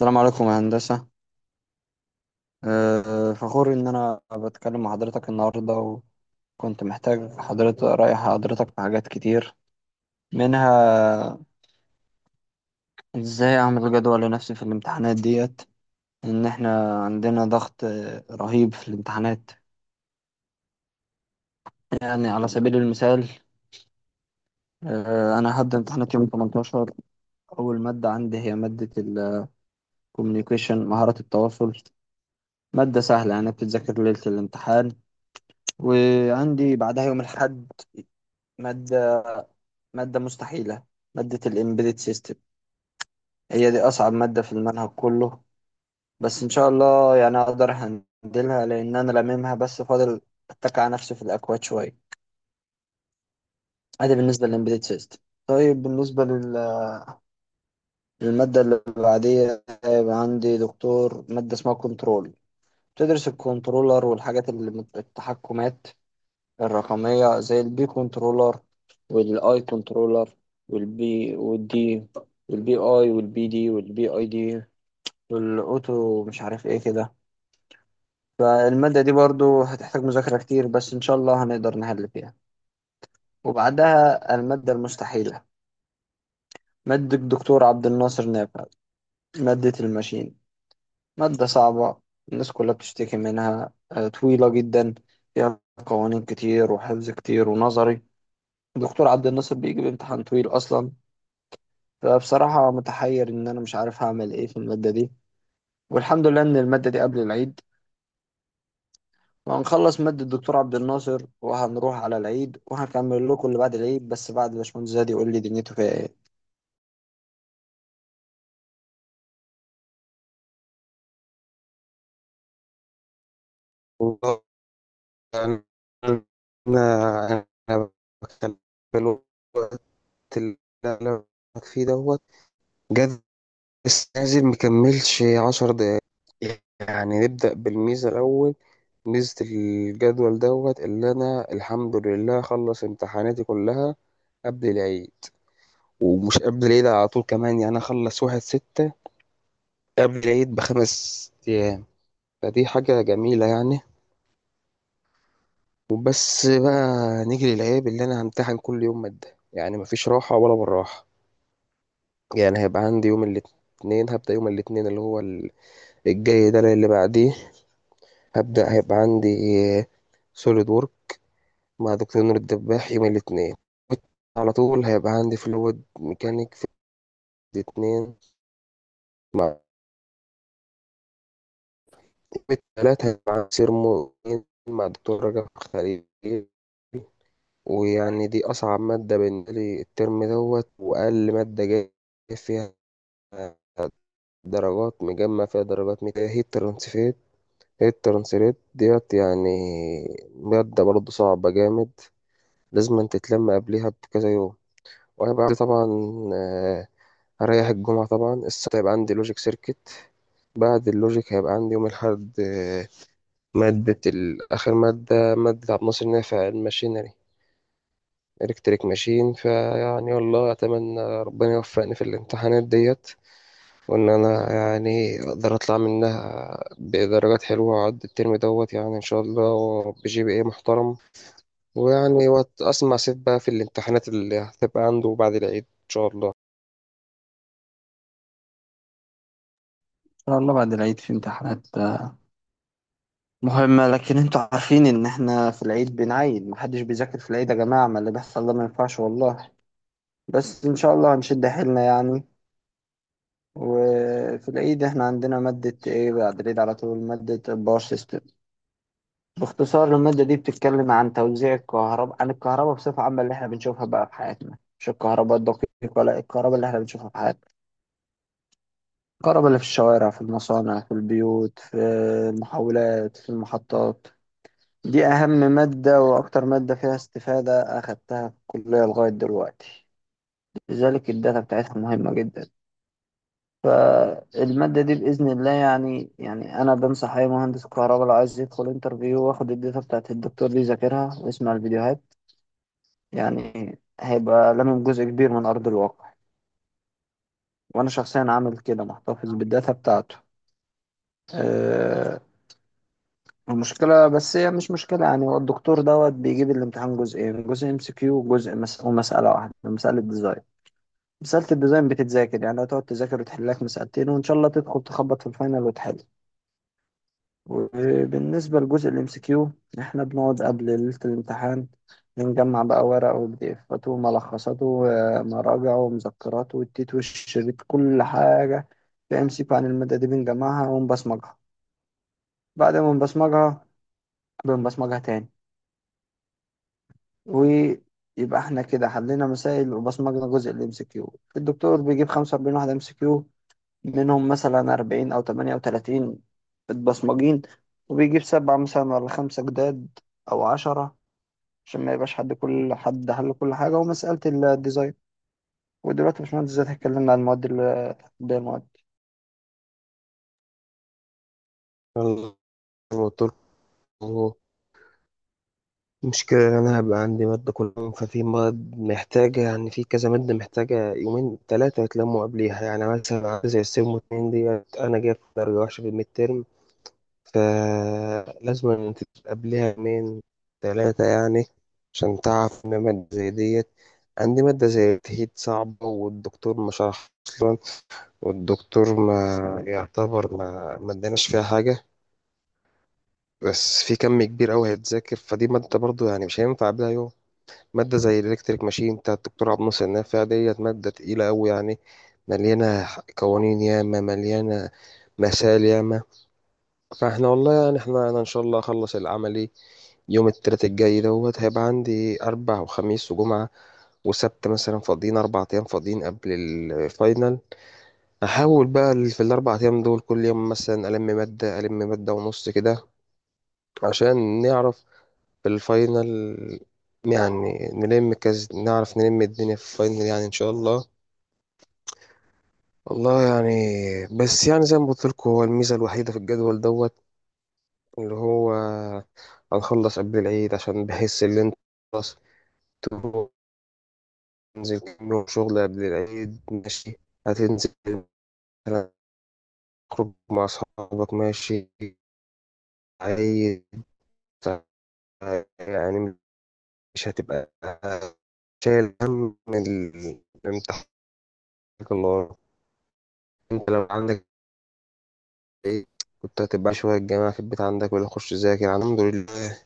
السلام عليكم يا هندسة. فخور إن أنا بتكلم مع حضرتك النهاردة، وكنت محتاج حضرتك، رأي حضرتك في حاجات كتير. منها إزاي أعمل جدول لنفسي في الامتحانات ديت. إن إحنا عندنا ضغط رهيب في الامتحانات. يعني على سبيل المثال، أنا هبدأ امتحانات يوم 18. أول مادة عندي هي مادة الكوميونيكيشن، مهارات التواصل، مادة سهلة يعني بتتذاكر ليلة الامتحان. وعندي بعدها يوم الأحد مادة مادة مستحيلة، مادة الإمبيدد سيستم. هي دي أصعب مادة في المنهج كله، بس إن شاء الله يعني أقدر هندلها، لأن أنا لاممها بس فاضل أتك على نفسي في الأكواد شوية. أدي بالنسبة للإمبيدد سيستم. طيب بالنسبة للمادة اللي بعديها، هيبقى عندي دكتور، مادة اسمها كنترول، بتدرس الكنترولر والحاجات اللي التحكمات الرقمية، زي البي كنترولر والآي كنترولر، والبي والدي والبي آي والبي دي والبي آي دي والاوتو مش عارف ايه كده. فالمادة دي برضو هتحتاج مذاكرة كتير، بس ان شاء الله هنقدر نحل فيها. وبعدها المادة المستحيلة، مادة الدكتور عبد الناصر نافع، مادة الماشين، مادة صعبة، الناس كلها بتشتكي منها. طويلة جدا، فيها قوانين كتير وحفظ كتير ونظري. الدكتور عبد الناصر بيجي بامتحان طويل اصلا. فبصراحة متحير ان انا مش عارف هعمل ايه في المادة دي. والحمد لله ان المادة دي قبل العيد، وهنخلص مادة الدكتور عبد الناصر وهنروح على العيد، وهكمل لكم اللي بعد العيد بس بعد باشمهندس زياد يقول لي دنيته فيها ايه. ان والله. يعني أنا باتكلم في الوقت اللي أنا بكلمك فيه دوت جد، لسه نازل مكملش 10 دقايق. يعني نبدأ بالميزة الأول، ميزة الجدول دوت، اللي أنا الحمد لله أخلص امتحاناتي كلها قبل العيد. ومش قبل العيد على طول كمان، يعني أخلص 1/6، قبل العيد بـ5 أيام. فدي حاجة جميلة يعني. وبس بقى، نيجي للعيب اللي انا همتحن كل يوم مادة، يعني مفيش راحة ولا بالراحة. يعني هيبقى عندي يوم الاثنين، هبدأ يوم الاثنين الجاي ده اللي بعديه، هبدأ هيبقى عندي سوليد وورك مع دكتور نور الدباح يوم الاثنين. على طول هيبقى عندي فلويد ميكانيك في الاثنين. يوم الثلاث هيبقى عندي سيرمو مع دكتور رجب خليل. ويعني دي أصعب مادة بالنسبة لي الترم دوت، وأقل مادة جاي فيها درجات، مجمع فيها درجات ميتا هيت ترانسفيت هيت ترانسليت ديت. يعني مادة برضه صعبة جامد، لازم انت تتلم قبليها بكذا يوم. وانا بعد طبعا آه، هريح الجمعة. طبعا السبت هيبقى عندي لوجيك سيركت. بعد اللوجيك هيبقى عندي يوم الأحد آخر مادة عبد الناصر نافع، الماشينري إلكتريك ماشين. فيعني والله أتمنى ربنا يوفقني في الامتحانات ديت، وإن أنا يعني أقدر أطلع منها بدرجات حلوة وأعدي الترم دوت، يعني إن شاء الله بجي بي إيه محترم. ويعني وقت أسمع سيف بقى في الامتحانات اللي هتبقى عنده بعد العيد إن شاء الله. شاء الله بعد العيد في امتحانات مهمة، لكن انتوا عارفين ان احنا في العيد بنعيد، محدش بيذاكر في العيد يا جماعة، ما اللي بيحصل ده ما ينفعش والله. بس ان شاء الله هنشد حيلنا يعني. وفي العيد احنا عندنا مادة ايه بعد العيد على طول؟ مادة باور سيستم. باختصار المادة دي بتتكلم عن توزيع الكهرباء، عن الكهرباء بصفة عامة اللي احنا بنشوفها بقى في حياتنا، مش الكهرباء الدقيقة، لا، الكهرباء اللي احنا بنشوفها في حياتنا، الكهرباء اللي في الشوارع، في المصانع، في البيوت، في المحولات، في المحطات. دي أهم مادة وأكتر مادة فيها استفادة أخدتها في الكلية لغاية دلوقتي. لذلك الداتا بتاعتها مهمة جدا. فالمادة دي بإذن الله يعني، أنا بنصح أي مهندس كهرباء لو عايز يدخل انترفيو، واخد الداتا بتاعت الدكتور دي يذاكرها ويسمع الفيديوهات. يعني هيبقى لامم جزء كبير من أرض الواقع. وأنا شخصيا عامل كده، محتفظ بالداتا بتاعته. أه المشكلة بس، هي مش مشكلة يعني، هو الدكتور دوت بيجيب الامتحان جزئين، جزء ام سي كيو وجزء ومسألة واحدة، مسألة ديزاين. مسألة الديزاين بتتذاكر يعني، هتقعد تذاكر وتحل لك مسألتين، وإن شاء الله تدخل تخبط في الفاينل وتحل. وبالنسبة لجزء الام سي كيو، احنا بنقعد قبل ليلة الامتحان بنجمع بقى ورقه وبديفاته وملخصاته ومراجعه ومذكراته والتيت والشريط، كل حاجة في ام سي كيو عن المادة دي بنجمعها ونبصمجها. بعد ما نبصمجها بنبصمجها تاني، ويبقى احنا كده حلينا مسائل وبصمجنا جزء الام سي كيو. الدكتور بيجيب 45 واحدة ام سي كيو، منهم مثلا 40 او 38 متبصمجين، وبيجيب سبعة مثلا ولا خمسة جداد أو عشرة، عشان ما يبقاش حد، كل حد حل كل حاجة. ومسألة الديزاين. ودلوقتي يا باشمهندس زي اتكلمنا عن المواد بقى المواد، أنا زي ما قلت لكم، المشكلة إن أنا هبقى عندي مادة كل يوم، ففي مواد محتاجة، يعني في كذا مادة محتاجة يومين 3 يتلموا قبليها. يعني مثلا عندي زي السيم واتنين ديت، أنا جايب درجة وحشة في الميد ترم، فلازم إن أنت قبلها يومين 3 يعني، عشان تعرف إن مادة زي ديت. عندي مادة زي التهيد صعبة، والدكتور ما شرح أصلا، والدكتور ما يعتبر ما اداناش فيها حاجة، بس في كم كبير أوي هيتذاكر. فدي مادة برضو يعني مش هينفع قبلها يوم. مادة زي الإلكتريك ماشين بتاع الدكتور عبد الناصر النافع ديت، مادة تقيلة أوي يعني، مليانة قوانين ياما، مليانة مسائل ياما. فاحنا والله يعني، احنا انا ان شاء الله اخلص العملي يوم التلات الجاي دوت، هيبقى عندي أربع وخميس وجمعة وسبت مثلا فاضيين، 4 أيام فاضيين قبل الفاينل. أحاول بقى في الـ4 أيام دول كل يوم مثلا ألم مادة، ألم مادة ونص كده، عشان نعرف في الفاينل، يعني نلم كز، نعرف نلم الدنيا في الفاينل يعني إن شاء الله. والله يعني، بس يعني زي ما قلت لكم، هو الميزة الوحيدة في الجدول دوت اللي هو هنخلص قبل العيد، عشان بحس إن أنت خلاص تنزل كام شغل قبل العيد ماشي، هتنزل مثلا تخرج مع أصحابك ماشي، عيد يعني. مش هتبقى شايل هم الامتحان اللي وراك. انت لو عندك عيد، كنت هتبقى شوية الجامعة في البيت عندك، ولا أخش أذاكر الحمد لله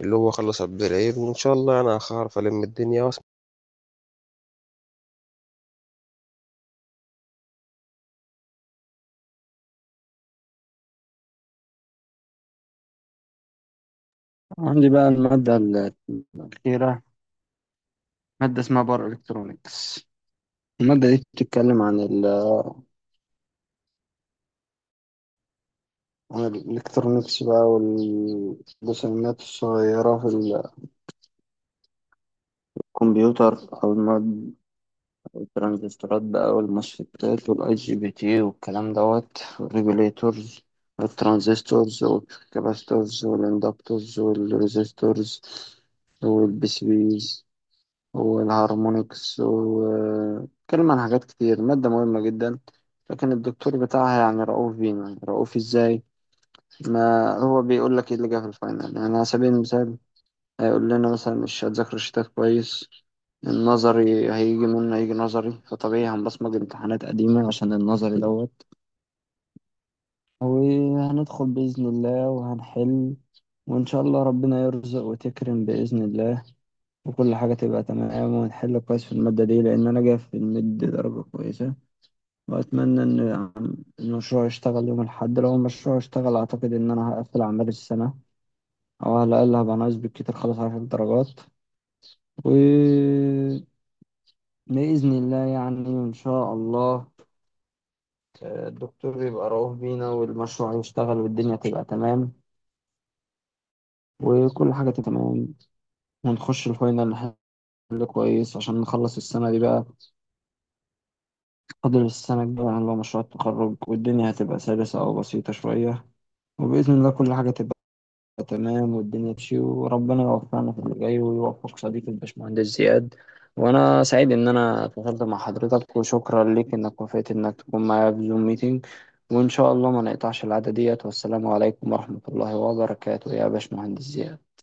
اللي هو خلص قبل العيد، وإن شاء الله أنا هعرف ألم الدنيا. عندي بقى المادة الأخيرة، مادة اسمها باور إلكترونيكس. المادة دي بتتكلم عن عن الإلكترونيكس بقى، والرسومات الصغيرة في الكمبيوتر أو المواد، الترانزستورات بقى والمسفتات والاي جي بي تي والكلام دوت، والريجوليتورز والترانزستورز والكاباستورز والاندكتورز والريزستورز والبي سي بيز والهارمونكس، واتكلم عن حاجات كتير، مادة مهمة جدا. لكن الدكتور بتاعها يعني رؤوف بينا. رؤوف ازاي؟ ما هو بيقول لك ايه اللي جه في الفاينل، يعني على سبيل المثال هيقول لنا مثلا مش هتذاكروا الشتات كويس، النظري هيجي منه، هيجي نظري. فطبيعي هنبصمج امتحانات قديمة عشان النظري دوت، وهندخل بإذن الله وهنحل، وإن شاء الله ربنا يرزق وتكرم بإذن الله، وكل حاجة تبقى تمام، ونحل كويس في المادة دي لأن أنا جاي في المد درجة كويسة. وأتمنى إن المشروع يشتغل يوم الأحد. لو المشروع اشتغل، أعتقد إن أنا هقفل أعمال السنة، أو على الأقل هبقى ناقص بالكتير خلاص 10 درجات. و بإذن الله يعني، إن شاء الله الدكتور يبقى رؤوف بينا، والمشروع يشتغل، والدنيا تبقى تمام، وكل حاجة تبقى تمام، ونخش الفاينل نحل كويس عشان نخلص السنة دي بقى. فاضل السنة الجاية اللي هو مشروع التخرج، والدنيا هتبقى سلسة أو بسيطة شوية. وبإذن الله كل حاجة تبقى تمام، والدنيا تمشي، وربنا يوفقنا في اللي جاي، ويوفق صديقي الباشمهندس زياد. وانا سعيد ان انا اتواصلت مع حضرتك، وشكرا لك انك وافقت انك تكون معايا في زوم ميتنج. وان شاء الله ما نقطعش العادة ديت. والسلام عليكم ورحمة الله وبركاته يا باشمهندس زياد.